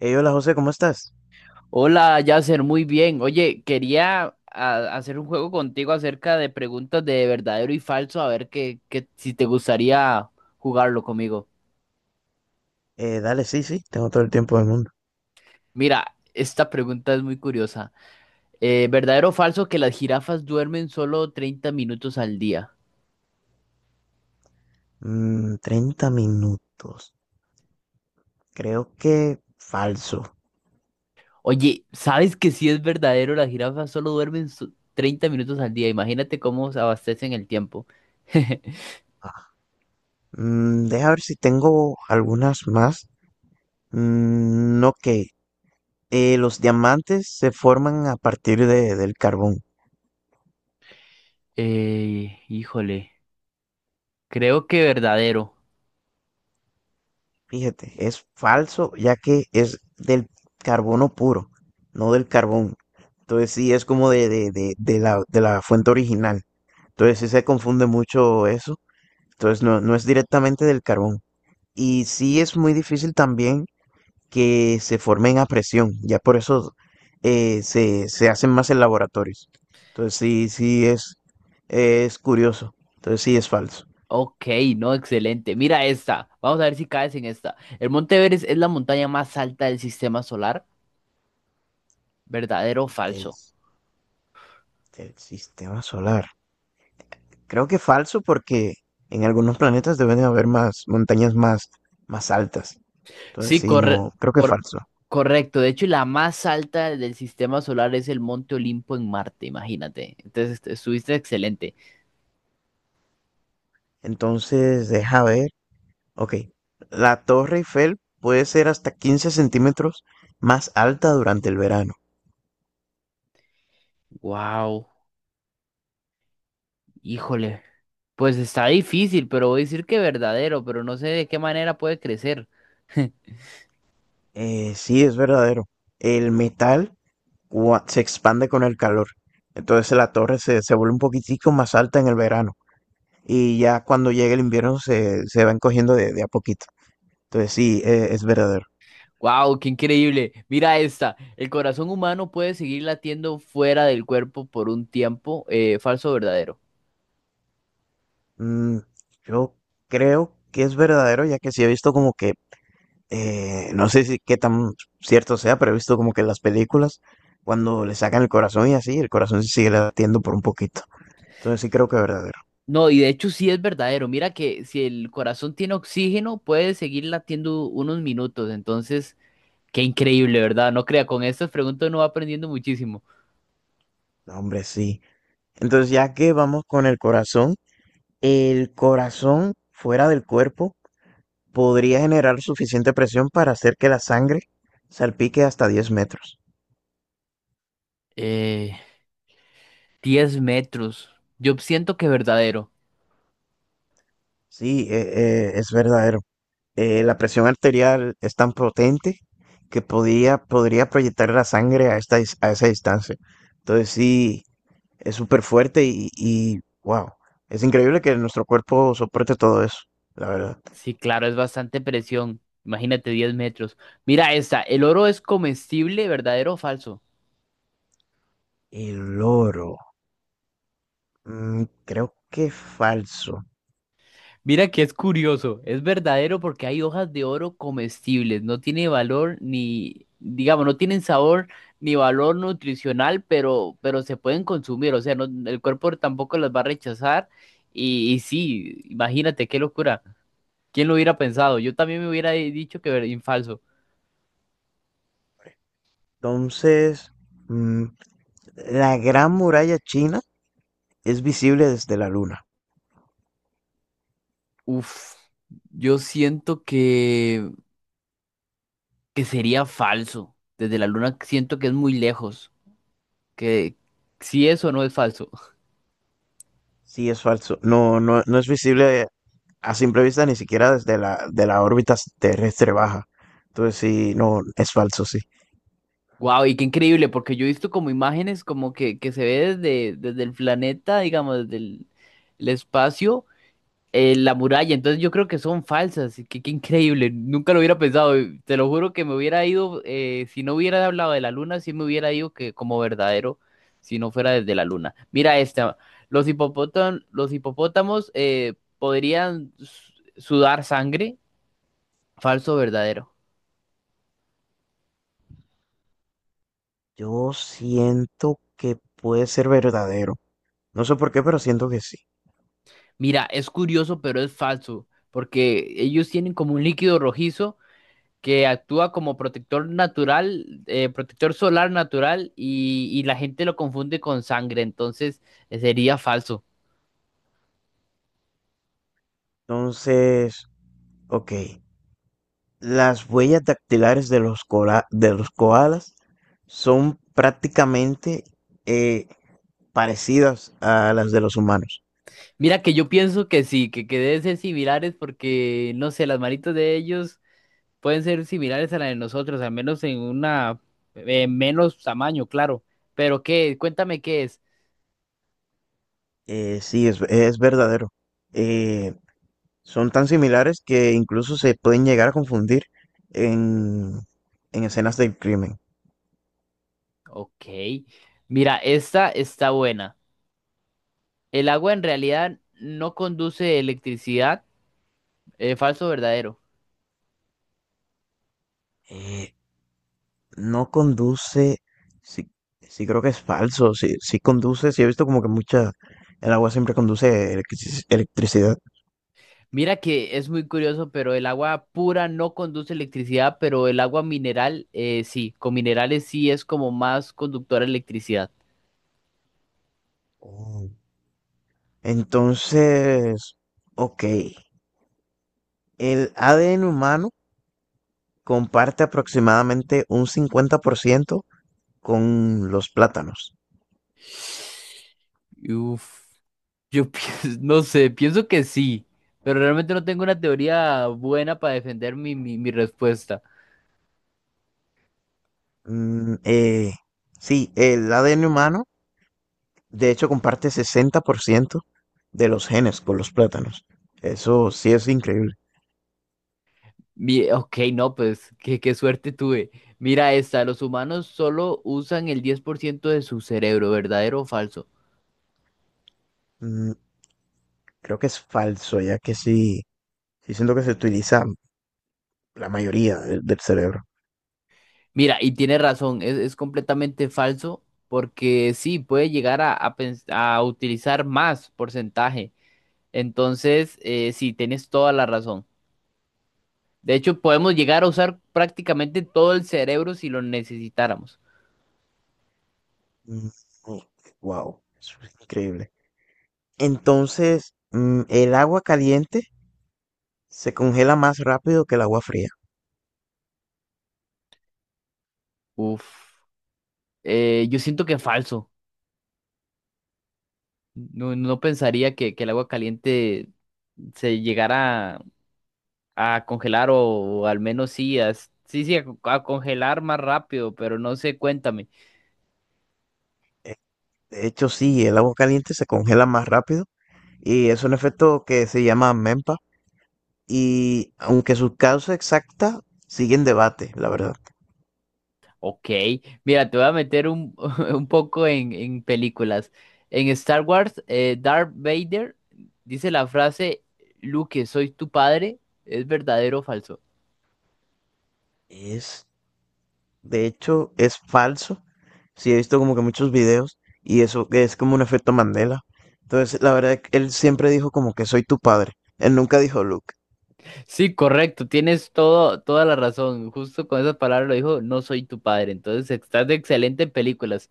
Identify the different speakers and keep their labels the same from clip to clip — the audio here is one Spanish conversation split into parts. Speaker 1: Hey, hola José, ¿cómo estás?
Speaker 2: Hola, Yasser, muy bien. Oye, quería hacer un juego contigo acerca de preguntas de verdadero y falso, a ver si te gustaría jugarlo conmigo.
Speaker 1: Dale, sí, sí, tengo todo el tiempo del mundo.
Speaker 2: Mira, esta pregunta es muy curiosa. ¿Verdadero o falso que las jirafas duermen solo 30 minutos al día?
Speaker 1: Mm, 30 minutos. Creo que falso.
Speaker 2: Oye, ¿sabes que si es verdadero? Las jirafas solo duermen 30 minutos al día. Imagínate cómo se abastecen el tiempo.
Speaker 1: Ah, deja ver si tengo algunas más. Mm, ok. Los diamantes se forman a partir del carbón.
Speaker 2: Híjole, creo que verdadero.
Speaker 1: Fíjate, es falso ya que es del carbono puro, no del carbón. Entonces sí, es como de la fuente original. Entonces sí se confunde mucho eso. Entonces no, no es directamente del carbón. Y sí es muy difícil también que se formen a presión. Ya por eso se hacen más en laboratorios. Entonces sí, sí es curioso. Entonces sí es falso.
Speaker 2: Ok, no, excelente. Mira esta. Vamos a ver si caes en esta. El Monte Everest es la montaña más alta del sistema solar. ¿Verdadero o falso?
Speaker 1: Del, del sistema solar. Creo que falso porque en algunos planetas deben de haber más montañas más altas. Entonces
Speaker 2: Sí,
Speaker 1: sí, no, creo que
Speaker 2: cor-
Speaker 1: falso.
Speaker 2: correcto. De hecho, la más alta del sistema solar es el Monte Olimpo en Marte, imagínate. Entonces, estuviste excelente.
Speaker 1: Entonces, deja ver. Ok. La Torre Eiffel puede ser hasta 15 cm más alta durante el verano.
Speaker 2: Wow, híjole. Pues está difícil, pero voy a decir que verdadero, pero no sé de qué manera puede crecer.
Speaker 1: Sí, es verdadero. El metal se expande con el calor. Entonces la torre se vuelve un poquitico más alta en el verano. Y ya cuando llegue el invierno se van cogiendo de a poquito. Entonces sí, es verdadero.
Speaker 2: Wow, qué increíble. Mira esta. El corazón humano puede seguir latiendo fuera del cuerpo por un tiempo. ¿Falso o verdadero?
Speaker 1: Mm, yo creo que es verdadero, ya que sí he visto como que no sé si qué tan cierto sea, pero he visto como que en las películas, cuando le sacan el corazón y así, el corazón se sigue latiendo por un poquito. Entonces sí creo que es verdadero.
Speaker 2: No, y de hecho sí es verdadero. Mira que si el corazón tiene oxígeno, puede seguir latiendo unos minutos. Entonces, qué increíble, ¿verdad? No crea, con estas preguntas uno va aprendiendo muchísimo.
Speaker 1: No, hombre, sí. Entonces ya que vamos con el corazón fuera del cuerpo podría generar suficiente presión para hacer que la sangre salpique hasta 10 metros.
Speaker 2: Eh, 10 metros. Yo siento que verdadero.
Speaker 1: Sí, es verdadero. La presión arterial es tan potente que podría proyectar la sangre a esa distancia. Entonces sí, es súper fuerte y wow, es increíble que nuestro cuerpo soporte todo eso, la verdad.
Speaker 2: Sí, claro, es bastante presión. Imagínate 10 metros. Mira esta. ¿El oro es comestible, verdadero o falso?
Speaker 1: El oro, creo que falso.
Speaker 2: Mira que es curioso, es verdadero porque hay hojas de oro comestibles, no tiene valor ni, digamos, no tienen sabor ni valor nutricional, pero se pueden consumir, o sea, el cuerpo tampoco las va a rechazar y sí, imagínate qué locura, ¿quién lo hubiera pensado? Yo también me hubiera dicho que falso.
Speaker 1: Entonces, mm, la gran muralla china es visible desde la luna.
Speaker 2: Uf, yo siento que sería falso, desde la luna siento que es muy lejos, que si eso no es falso.
Speaker 1: Sí, es falso. No, no, no es visible a simple vista ni siquiera de la órbita terrestre baja. Entonces sí, no, es falso, sí.
Speaker 2: Wow, y qué increíble, porque yo he visto como imágenes como que se ve desde el planeta, digamos, desde el espacio, la muralla, entonces yo creo que son falsas, y qué, qué increíble, nunca lo hubiera pensado, y te lo juro que me hubiera ido, si no hubiera hablado de la luna, sí me hubiera ido que como verdadero, si no fuera desde la luna. Mira esta, los hipopótamos, podrían sudar sangre, ¿falso o verdadero?
Speaker 1: Yo siento que puede ser verdadero. No sé por qué, pero siento que sí.
Speaker 2: Mira, es curioso, pero es falso, porque ellos tienen como un líquido rojizo que actúa como protector natural, protector solar natural, y la gente lo confunde con sangre, entonces sería falso.
Speaker 1: Entonces, ok. Las huellas dactilares de los koalas son prácticamente eh, parecidas a las de los humanos.
Speaker 2: Mira que yo pienso que sí, que deben ser similares porque, no sé, las manitos de ellos pueden ser similares a las de nosotros, al menos en una menos tamaño, claro. Pero qué, cuéntame qué es.
Speaker 1: Sí, es verdadero. Eh, son tan similares que incluso se pueden llegar a confundir en, en escenas del crimen.
Speaker 2: Ok, mira, esta está buena. El agua en realidad no conduce electricidad, ¿falso o verdadero?
Speaker 1: Eh, no conduce, sí, sí creo que es falso, sí, sí conduce, sí he visto como que mucha, el agua siempre conduce electricidad.
Speaker 2: Mira que es muy curioso, pero el agua pura no conduce electricidad, pero el agua mineral sí, con minerales sí es como más conductora de electricidad.
Speaker 1: Oh. Entonces, ok, el ADN humano comparte aproximadamente un 50% con los plátanos.
Speaker 2: Uf, yo pienso, no sé, pienso que sí, pero realmente no tengo una teoría buena para defender mi respuesta.
Speaker 1: Mm, eh, sí, el ADN humano, de hecho, comparte 60% de los genes con los plátanos. Eso sí es increíble.
Speaker 2: Ok, no, pues qué, qué suerte tuve. Mira esta, los humanos solo usan el 10% de su cerebro, ¿verdadero o falso?
Speaker 1: Mm, creo que es falso, ya que sí, sí siento que se utiliza la mayoría del cerebro.
Speaker 2: Mira, y tiene razón, es completamente falso porque sí, puede llegar a utilizar más porcentaje. Entonces, sí, tienes toda la razón. De hecho, podemos llegar a usar prácticamente todo el cerebro si lo necesitáramos.
Speaker 1: Wow, es increíble. Entonces, el agua caliente se congela más rápido que el agua fría.
Speaker 2: Uf, yo siento que es falso. No, no pensaría que el agua caliente se llegara a congelar o, al menos sí, sí, sí, a congelar más rápido, pero no sé, cuéntame.
Speaker 1: Eh, De hecho, sí, el agua caliente se congela más rápido y es un efecto que se llama MEMPA y aunque su causa exacta sigue en debate, la verdad.
Speaker 2: Ok, mira, te voy a meter un poco en películas. En Star Wars, Darth Vader dice la frase, Luke, soy tu padre. ¿Es verdadero o falso?
Speaker 1: Es De hecho, es falso. Sí, he visto como que muchos videos y eso que es como un efecto Mandela. Entonces, la verdad, él siempre dijo como que soy tu padre. Él nunca dijo Luke.
Speaker 2: Sí, correcto, tienes todo, toda la razón. Justo con esas palabras lo dijo, no soy tu padre. Entonces, estás de excelente en películas.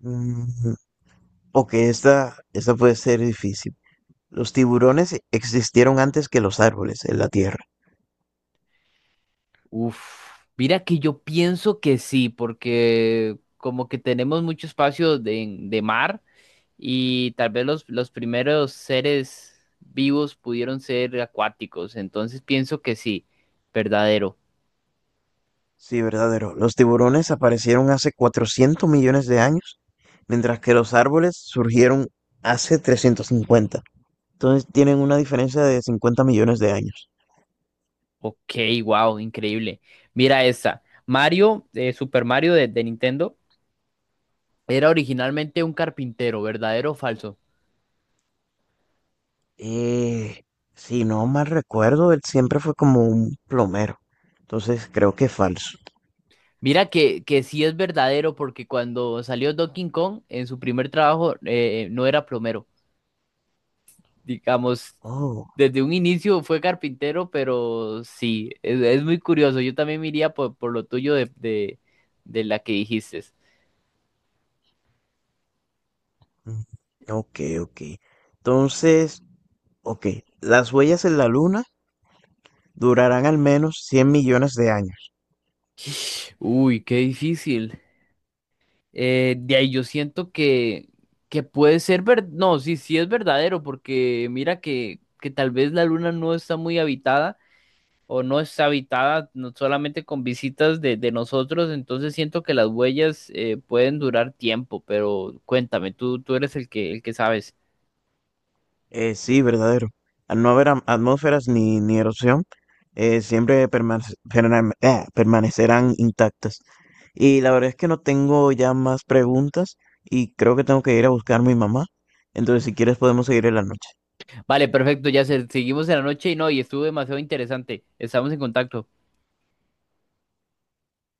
Speaker 1: Mm, ok, esta puede ser difícil. Los tiburones existieron antes que los árboles en la Tierra.
Speaker 2: Uf, mira que yo pienso que sí, porque como que tenemos mucho espacio de mar. Y tal vez los primeros seres vivos pudieron ser acuáticos. Entonces pienso que sí, verdadero.
Speaker 1: Sí, verdadero. Los tiburones aparecieron hace 400 millones de años, mientras que los árboles surgieron hace 350. Entonces tienen una diferencia de 50 millones de años.
Speaker 2: Ok, wow, increíble. Mira esta. Mario, Super Mario de Nintendo, era originalmente un carpintero, ¿verdadero o falso?
Speaker 1: Eh, si no mal recuerdo, él siempre fue como un plomero. Entonces creo que es falso.
Speaker 2: Mira que sí es verdadero porque cuando salió Donkey Kong, en su primer trabajo no era plomero. Digamos,
Speaker 1: Oh,
Speaker 2: desde un inicio fue carpintero, pero sí, es muy curioso. Yo también me iría por lo tuyo de la que dijiste.
Speaker 1: mm, ok, ok. Entonces, ok, las huellas en la Luna durarán al menos 100 millones de años.
Speaker 2: Uy, qué difícil. De ahí yo siento que puede ser ver No, sí, sí es verdadero, porque mira que tal vez la luna no está muy habitada o no está habitada no solamente con visitas de nosotros, entonces siento que las huellas pueden durar tiempo, pero cuéntame, tú eres el que sabes.
Speaker 1: Sí, verdadero. Al no haber atmósferas ni erosión, siempre permanecerán intactas. Y la verdad es que no tengo ya más preguntas y creo que tengo que ir a buscar a mi mamá. Entonces, si quieres, podemos seguir en la noche.
Speaker 2: Vale, perfecto, ya seguimos en la noche y no, y estuvo demasiado interesante. Estamos en contacto.